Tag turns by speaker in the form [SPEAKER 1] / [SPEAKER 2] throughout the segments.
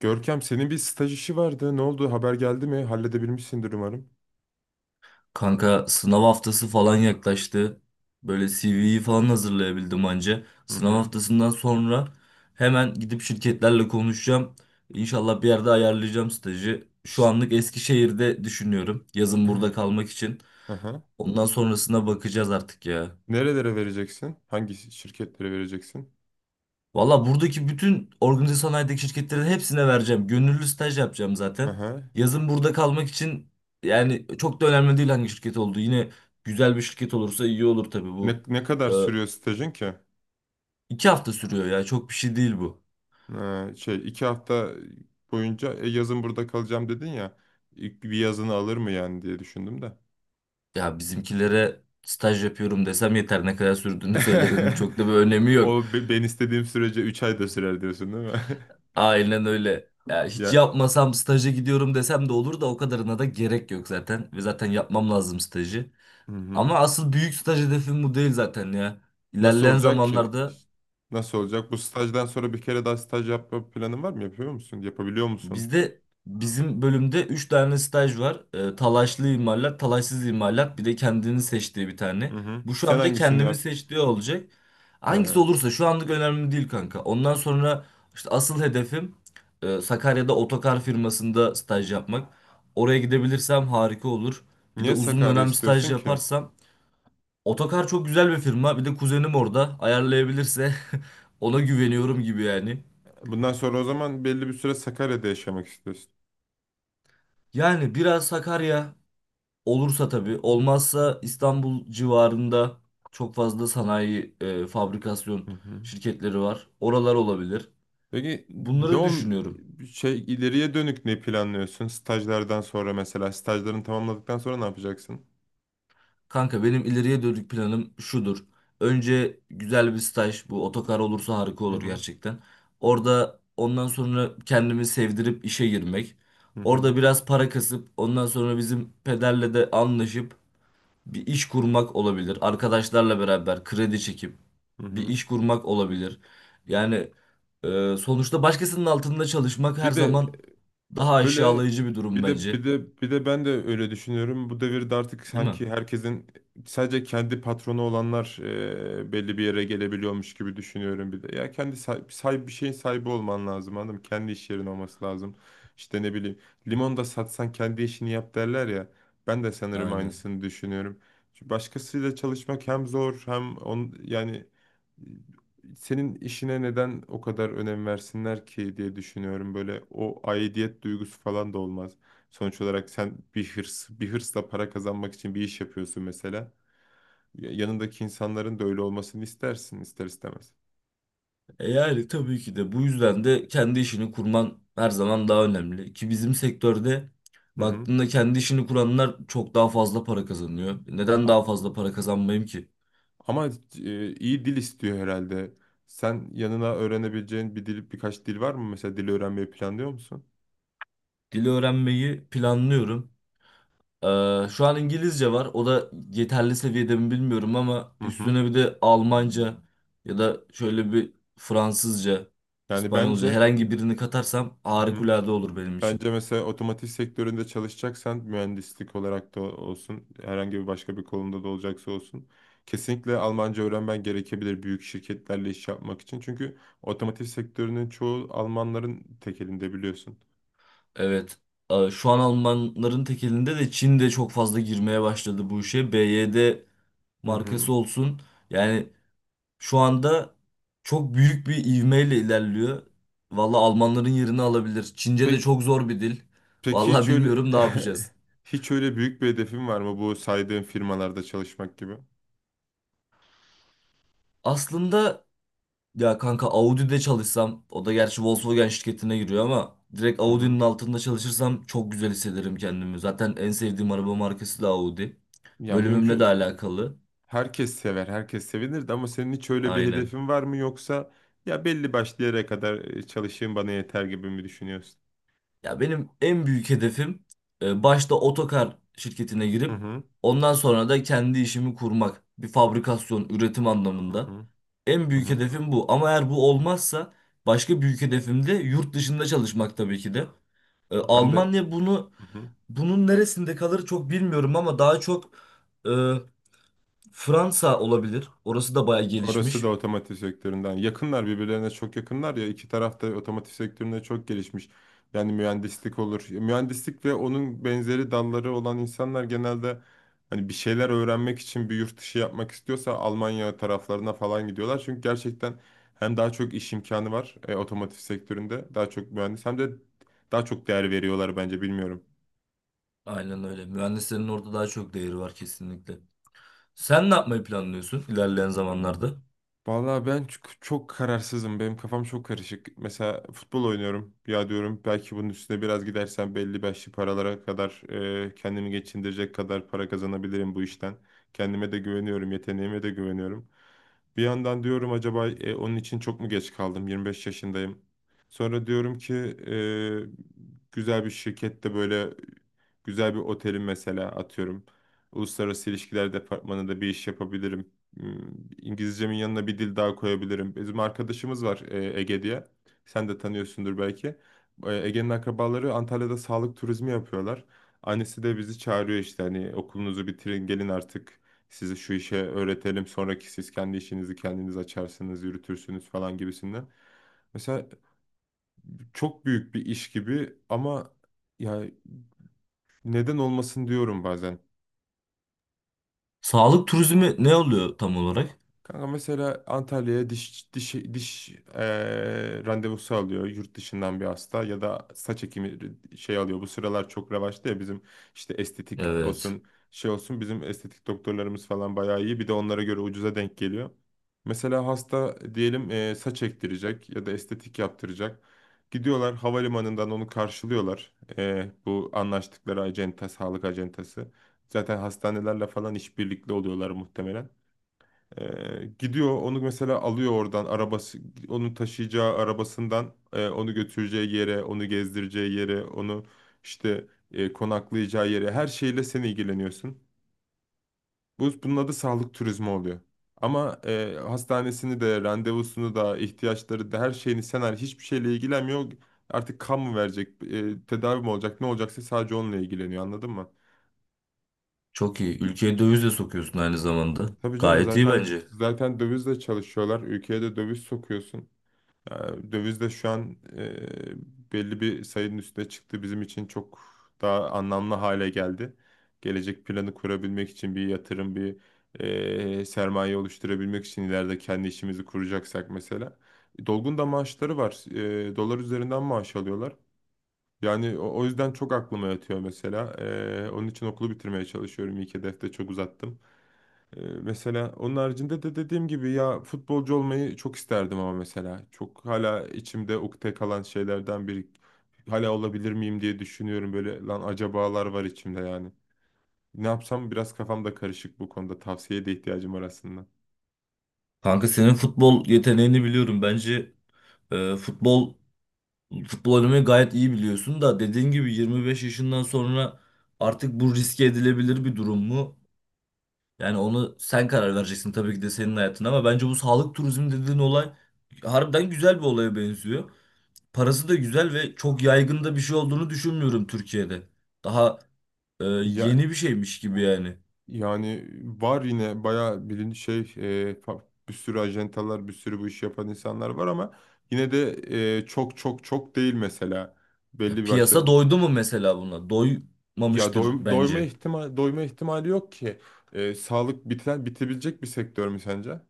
[SPEAKER 1] Görkem senin bir staj işi vardı. Ne oldu? Haber geldi mi? Halledebilmişsindir umarım.
[SPEAKER 2] Kanka sınav haftası falan yaklaştı. Böyle CV'yi falan hazırlayabildim anca.
[SPEAKER 1] Hı
[SPEAKER 2] Sınav
[SPEAKER 1] hı.
[SPEAKER 2] haftasından sonra hemen gidip şirketlerle konuşacağım. İnşallah bir yerde ayarlayacağım stajı. Şu
[SPEAKER 1] Ş-
[SPEAKER 2] anlık Eskişehir'de düşünüyorum. Yazın burada kalmak için.
[SPEAKER 1] Hı hı.
[SPEAKER 2] Ondan sonrasına bakacağız artık ya.
[SPEAKER 1] Nerelere vereceksin? Hangi şirketlere vereceksin?
[SPEAKER 2] Valla buradaki bütün organize sanayideki şirketlerin hepsine vereceğim. Gönüllü staj yapacağım
[SPEAKER 1] Hı
[SPEAKER 2] zaten.
[SPEAKER 1] hı.
[SPEAKER 2] Yazın burada kalmak için yani çok da önemli değil hangi şirket olduğu. Yine güzel bir şirket olursa iyi olur tabii
[SPEAKER 1] Ne,
[SPEAKER 2] bu.
[SPEAKER 1] ne kadar
[SPEAKER 2] Ee,
[SPEAKER 1] sürüyor stajın ki?
[SPEAKER 2] iki hafta sürüyor ya çok bir şey değil bu.
[SPEAKER 1] Ha, 2 hafta boyunca yazın burada kalacağım dedin ya. İlk bir yazını alır mı yani diye düşündüm de.
[SPEAKER 2] Ya bizimkilere staj yapıyorum desem yeter, ne kadar sürdüğünü söylememin çok da bir önemi yok.
[SPEAKER 1] O ben istediğim sürece 3 ay da sürer diyorsun değil mi?
[SPEAKER 2] Aynen öyle. Ya hiç
[SPEAKER 1] Ya,
[SPEAKER 2] yapmasam staja gidiyorum desem de olur da o kadarına da gerek yok zaten. Ve zaten yapmam lazım stajı.
[SPEAKER 1] hı hı.
[SPEAKER 2] Ama asıl büyük staj hedefim bu değil zaten ya.
[SPEAKER 1] Nasıl
[SPEAKER 2] İlerleyen
[SPEAKER 1] olacak ki?
[SPEAKER 2] zamanlarda
[SPEAKER 1] İşte nasıl olacak? Bu stajdan sonra bir kere daha staj yapma planın var mı? Yapıyor musun? Yapabiliyor musun?
[SPEAKER 2] bizim bölümde 3 tane staj var. Talaşlı imalat, talaşsız imalat, bir de kendini seçtiği bir tane.
[SPEAKER 1] Hı hı.
[SPEAKER 2] Bu şu
[SPEAKER 1] Sen
[SPEAKER 2] anda
[SPEAKER 1] hangisini
[SPEAKER 2] kendimi
[SPEAKER 1] yap?
[SPEAKER 2] seçtiği olacak.
[SPEAKER 1] He.
[SPEAKER 2] Hangisi olursa şu anlık önemli değil kanka. Ondan sonra işte asıl hedefim Sakarya'da otokar firmasında staj yapmak. Oraya gidebilirsem harika olur. Bir de
[SPEAKER 1] Niye
[SPEAKER 2] uzun
[SPEAKER 1] Sakarya
[SPEAKER 2] dönem staj
[SPEAKER 1] istiyorsun ki?
[SPEAKER 2] yaparsam Otokar çok güzel bir firma. Bir de kuzenim orada. Ayarlayabilirse ona güveniyorum gibi yani.
[SPEAKER 1] Bundan sonra o zaman belli bir süre Sakarya'da yaşamak istiyorsun.
[SPEAKER 2] Yani biraz Sakarya olursa tabii. Olmazsa İstanbul civarında çok fazla sanayi, fabrikasyon
[SPEAKER 1] Hı hı.
[SPEAKER 2] şirketleri var. Oralar olabilir.
[SPEAKER 1] Peki, ne
[SPEAKER 2] Bunları
[SPEAKER 1] ol
[SPEAKER 2] düşünüyorum.
[SPEAKER 1] şey ileriye dönük ne planlıyorsun? Stajlardan sonra mesela stajlarını tamamladıktan sonra ne yapacaksın?
[SPEAKER 2] Kanka benim ileriye dönük planım şudur. Önce güzel bir staj, bu otokar olursa harika
[SPEAKER 1] Hı
[SPEAKER 2] olur
[SPEAKER 1] hı.
[SPEAKER 2] gerçekten. Orada ondan sonra kendimi sevdirip işe girmek.
[SPEAKER 1] Hı hı.
[SPEAKER 2] Orada biraz para kasıp ondan sonra bizim pederle de anlaşıp bir iş kurmak olabilir. Arkadaşlarla beraber kredi çekip
[SPEAKER 1] Hı
[SPEAKER 2] bir
[SPEAKER 1] hı.
[SPEAKER 2] iş kurmak olabilir. Yani sonuçta başkasının altında çalışmak her
[SPEAKER 1] Bir de
[SPEAKER 2] zaman daha
[SPEAKER 1] Öyle
[SPEAKER 2] aşağılayıcı bir durum
[SPEAKER 1] bir de
[SPEAKER 2] bence.
[SPEAKER 1] bir de bir de ben de öyle düşünüyorum. Bu devirde artık
[SPEAKER 2] Değil mi?
[SPEAKER 1] sanki herkesin sadece kendi patronu olanlar belli bir yere gelebiliyormuş gibi düşünüyorum bir de. Ya kendi bir şeyin sahibi olman lazım, anladın mı? Kendi iş yerin olması lazım. İşte ne bileyim, limon da satsan kendi işini yap derler ya. Ben de sanırım
[SPEAKER 2] Aynen.
[SPEAKER 1] aynısını düşünüyorum. Çünkü başkasıyla çalışmak hem zor, yani senin işine neden o kadar önem versinler ki diye düşünüyorum. Böyle o aidiyet duygusu falan da olmaz. Sonuç olarak sen bir hırsla para kazanmak için bir iş yapıyorsun mesela. Yanındaki insanların da öyle olmasını istersin, ister istemez.
[SPEAKER 2] E yani tabii ki de bu yüzden de kendi işini kurman her zaman daha önemli. Ki bizim sektörde
[SPEAKER 1] Hı hı.
[SPEAKER 2] baktığında kendi işini kuranlar çok daha fazla para kazanıyor. Neden
[SPEAKER 1] A-
[SPEAKER 2] daha fazla para kazanmayayım ki?
[SPEAKER 1] Ama iyi dil istiyor herhalde. Sen yanına öğrenebileceğin bir dil, birkaç dil var mı? Mesela dil öğrenmeyi planlıyor musun?
[SPEAKER 2] Dili öğrenmeyi planlıyorum. Şu an İngilizce var. O da yeterli seviyede mi bilmiyorum ama
[SPEAKER 1] Hı hı.
[SPEAKER 2] üstüne bir de Almanca ya da şöyle bir Fransızca,
[SPEAKER 1] Yani
[SPEAKER 2] İspanyolca
[SPEAKER 1] bence.
[SPEAKER 2] herhangi birini katarsam
[SPEAKER 1] Hı hı.
[SPEAKER 2] harikulade olur benim için.
[SPEAKER 1] Bence mesela otomotiv sektöründe çalışacaksan mühendislik olarak da olsun, herhangi bir başka bir konuda da olacaksa olsun, kesinlikle Almanca öğrenmen gerekebilir büyük şirketlerle iş yapmak için. Çünkü otomotiv sektörünün çoğu Almanların tek elinde, biliyorsun.
[SPEAKER 2] Evet. Şu an Almanların tekelinde de Çin de çok fazla girmeye başladı bu işe. BYD
[SPEAKER 1] Hı hı.
[SPEAKER 2] markası olsun. Yani şu anda çok büyük bir ivmeyle ilerliyor. Valla Almanların yerini alabilir. Çince de
[SPEAKER 1] Peki,
[SPEAKER 2] çok zor bir dil.
[SPEAKER 1] peki
[SPEAKER 2] Valla
[SPEAKER 1] hiç öyle
[SPEAKER 2] bilmiyorum ne yapacağız.
[SPEAKER 1] hiç öyle büyük bir hedefin var mı bu saydığın firmalarda çalışmak gibi?
[SPEAKER 2] Aslında ya kanka Audi'de çalışsam, o da gerçi Volkswagen şirketine giriyor ama direkt
[SPEAKER 1] Hı
[SPEAKER 2] Audi'nin
[SPEAKER 1] hı.
[SPEAKER 2] altında çalışırsam çok güzel hissederim kendimi. Zaten en sevdiğim araba markası da Audi.
[SPEAKER 1] Ya
[SPEAKER 2] Bölümümle de
[SPEAKER 1] mümkün
[SPEAKER 2] alakalı.
[SPEAKER 1] Herkes sever, herkes sevinirdi ama senin hiç öyle bir
[SPEAKER 2] Aynen.
[SPEAKER 1] hedefin var mı, yoksa ya belli başlı yere kadar çalışayım bana yeter gibi mi düşünüyorsun?
[SPEAKER 2] Ya benim en büyük hedefim başta otokar şirketine
[SPEAKER 1] Hı
[SPEAKER 2] girip
[SPEAKER 1] hı,
[SPEAKER 2] ondan sonra da kendi işimi kurmak. Bir fabrikasyon, üretim
[SPEAKER 1] hı
[SPEAKER 2] anlamında.
[SPEAKER 1] hı,
[SPEAKER 2] En
[SPEAKER 1] hı
[SPEAKER 2] büyük
[SPEAKER 1] hı.
[SPEAKER 2] hedefim bu. Ama eğer bu olmazsa başka büyük hedefim de yurt dışında çalışmak tabii ki de.
[SPEAKER 1] Ben de,
[SPEAKER 2] Almanya bunu
[SPEAKER 1] hı hı.
[SPEAKER 2] bunun neresinde kalır çok bilmiyorum ama daha çok e, Fransa olabilir. Orası da bayağı
[SPEAKER 1] Orası da
[SPEAKER 2] gelişmiş.
[SPEAKER 1] otomotiv sektöründen. Yakınlar, birbirlerine çok yakınlar ya. İki taraf da otomotiv sektöründe çok gelişmiş. Yani mühendislik olur. Mühendislik ve onun benzeri dalları olan insanlar genelde, hani bir şeyler öğrenmek için bir yurt dışı yapmak istiyorsa, Almanya taraflarına falan gidiyorlar. Çünkü gerçekten hem daha çok iş imkanı var otomotiv sektöründe daha çok mühendis, hem de daha çok değer veriyorlar bence, bilmiyorum.
[SPEAKER 2] Aynen öyle. Mühendislerin orada daha çok değeri var kesinlikle. Sen ne yapmayı planlıyorsun ilerleyen zamanlarda?
[SPEAKER 1] Vallahi ben çok, çok kararsızım. Benim kafam çok karışık. Mesela futbol oynuyorum. Ya diyorum, belki bunun üstüne biraz gidersem belli başlı paralara kadar, kendimi geçindirecek kadar para kazanabilirim bu işten. Kendime de güveniyorum, yeteneğime de güveniyorum. Bir yandan diyorum, acaba onun için çok mu geç kaldım? 25 yaşındayım. Sonra diyorum ki güzel bir şirkette, böyle güzel bir otelin mesela, atıyorum, uluslararası ilişkiler departmanında bir iş yapabilirim. Hmm, İngilizcemin yanına bir dil daha koyabilirim. Bizim arkadaşımız var Ege diye. Sen de tanıyorsundur belki. Ege'nin akrabaları Antalya'da sağlık turizmi yapıyorlar. Annesi de bizi çağırıyor, işte hani okulunuzu bitirin, gelin artık, sizi şu işe öğretelim. Sonraki siz kendi işinizi kendiniz açarsınız, yürütürsünüz falan gibisinden. Mesela çok büyük bir iş gibi ama ya neden olmasın diyorum bazen.
[SPEAKER 2] Sağlık turizmi ne oluyor tam olarak?
[SPEAKER 1] Kanka mesela Antalya'ya diş randevusu alıyor yurt dışından bir hasta, ya da saç ekimi şey alıyor. Bu sıralar çok revaçta ya bizim, işte estetik
[SPEAKER 2] Evet.
[SPEAKER 1] olsun, şey olsun, bizim estetik doktorlarımız falan bayağı iyi. Bir de onlara göre ucuza denk geliyor. Mesela hasta diyelim, saç ektirecek ya da estetik yaptıracak. Gidiyorlar havalimanından onu karşılıyorlar. Bu anlaştıkları acenta, sağlık acentası. Zaten hastanelerle falan işbirlikli oluyorlar muhtemelen. Gidiyor onu mesela alıyor oradan, arabası onu taşıyacağı arabasından onu götüreceği yere, onu gezdireceği yere, onu işte konaklayacağı yere, her şeyle sen ilgileniyorsun. Bunun adı sağlık turizmi oluyor. Ama hastanesini de, randevusunu da, ihtiyaçları da, her şeyini sen hiçbir şeyle ilgilenmiyor. Artık kan mı verecek, tedavi mi olacak, ne olacaksa, sadece onunla ilgileniyor, anladın mı?
[SPEAKER 2] Çok iyi. Ülkeye döviz de sokuyorsun aynı zamanda.
[SPEAKER 1] Tabii canım,
[SPEAKER 2] Gayet iyi
[SPEAKER 1] zaten
[SPEAKER 2] bence.
[SPEAKER 1] dövizle çalışıyorlar. Ülkeye de döviz sokuyorsun. Yani döviz de şu an belli bir sayının üstüne çıktı. Bizim için çok daha anlamlı hale geldi. Gelecek planı kurabilmek için bir yatırım, bir sermaye oluşturabilmek için, ileride kendi işimizi kuracaksak mesela. Dolgun da maaşları var. Dolar üzerinden maaş alıyorlar. Yani o yüzden çok aklıma yatıyor mesela. Onun için okulu bitirmeye çalışıyorum. İlk hedefte çok uzattım. Mesela onun haricinde de, dediğim gibi, ya futbolcu olmayı çok isterdim ama mesela, çok hala içimde ukde kalan şeylerden biri. Hala olabilir miyim diye düşünüyorum, böyle lan, acabalar var içimde yani. Ne yapsam, biraz kafam da karışık bu konuda, tavsiyeye de ihtiyacım var aslında.
[SPEAKER 2] Kanka senin futbol yeteneğini biliyorum. Bence e, futbol futbol oynamayı gayet iyi biliyorsun da dediğin gibi 25 yaşından sonra artık bu riske edilebilir bir durum mu? Yani onu sen karar vereceksin tabii ki de, senin hayatın, ama bence bu sağlık turizmi dediğin olay harbiden güzel bir olaya benziyor. Parası da güzel ve çok yaygın da bir şey olduğunu düşünmüyorum Türkiye'de. Daha
[SPEAKER 1] Ya
[SPEAKER 2] yeni bir şeymiş gibi yani.
[SPEAKER 1] yani, var yine bayağı, bilin şey e, fa- bir sürü ajantalar, bir sürü bu işi yapan insanlar var ama, yine de çok çok çok değil mesela, belli
[SPEAKER 2] Ya
[SPEAKER 1] bir başta.
[SPEAKER 2] piyasa doydu mu mesela buna?
[SPEAKER 1] Ya
[SPEAKER 2] Doymamıştır bence.
[SPEAKER 1] doyma ihtimali yok ki. Sağlık biten, bitebilecek bir sektör mü sence?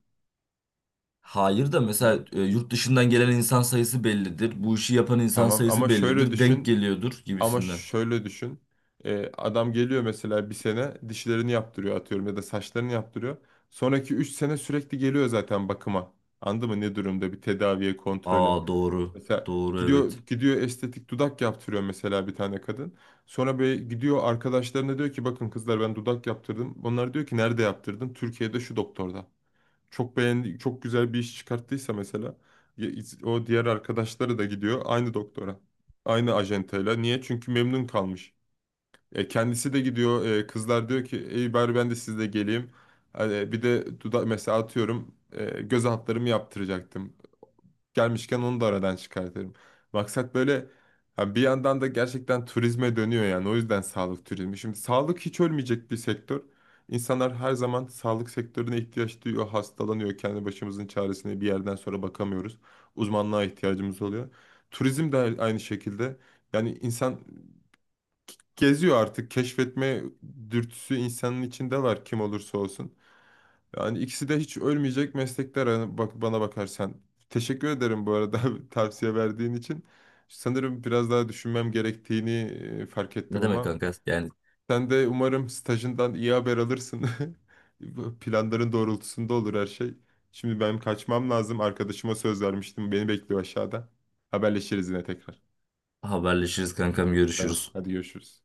[SPEAKER 2] Hayır da mesela
[SPEAKER 1] Yani,
[SPEAKER 2] yurt dışından gelen insan sayısı bellidir. Bu işi yapan insan
[SPEAKER 1] tamam,
[SPEAKER 2] sayısı bellidir. Denk geliyordur
[SPEAKER 1] ama
[SPEAKER 2] gibisinden.
[SPEAKER 1] şöyle düşün. Adam geliyor mesela, bir sene dişlerini yaptırıyor, atıyorum, ya da saçlarını yaptırıyor. Sonraki 3 sene sürekli geliyor zaten bakıma. Anladın mı ne durumda, bir tedaviye, kontrole.
[SPEAKER 2] Aa doğru.
[SPEAKER 1] Mesela
[SPEAKER 2] Doğru,
[SPEAKER 1] gidiyor
[SPEAKER 2] evet.
[SPEAKER 1] gidiyor estetik dudak yaptırıyor mesela bir tane kadın. Sonra böyle gidiyor arkadaşlarına diyor ki, bakın kızlar, ben dudak yaptırdım. Onlar diyor ki, nerede yaptırdın? Türkiye'de şu doktorda. Çok beğendi, çok güzel bir iş çıkarttıysa mesela, ya- o diğer arkadaşları da gidiyor aynı doktora. Aynı ajantayla. Niye? Çünkü memnun kalmış. Kendisi de gidiyor. Kızlar diyor ki, ey, bari ben de sizle geleyim. Hani bir de dudak mesela, atıyorum göz altlarımı yaptıracaktım, gelmişken onu da aradan çıkartırım. Maksat böyle, ha, bir yandan da gerçekten turizme dönüyor yani. O yüzden sağlık turizmi. Şimdi sağlık hiç ölmeyecek bir sektör. İnsanlar her zaman sağlık sektörüne ihtiyaç duyuyor, hastalanıyor. Kendi başımızın çaresine bir yerden sonra bakamıyoruz. Uzmanlığa ihtiyacımız oluyor. Turizm de aynı şekilde. Yani insan geziyor artık. Keşfetme dürtüsü insanın içinde var, kim olursa olsun. Yani ikisi de hiç ölmeyecek meslekler, hani bak bana bakarsan. Teşekkür ederim bu arada, tavsiye verdiğin için. Sanırım biraz daha düşünmem gerektiğini fark ettim,
[SPEAKER 2] Ne demek
[SPEAKER 1] ama
[SPEAKER 2] kanka? Yani
[SPEAKER 1] sen de umarım stajından iyi haber alırsın. Bu planların doğrultusunda olur her şey. Şimdi ben kaçmam lazım. Arkadaşıma söz vermiştim. Beni bekliyor aşağıda. Haberleşiriz yine tekrar.
[SPEAKER 2] haberleşiriz kankam,
[SPEAKER 1] Tamam,
[SPEAKER 2] görüşürüz.
[SPEAKER 1] hadi görüşürüz.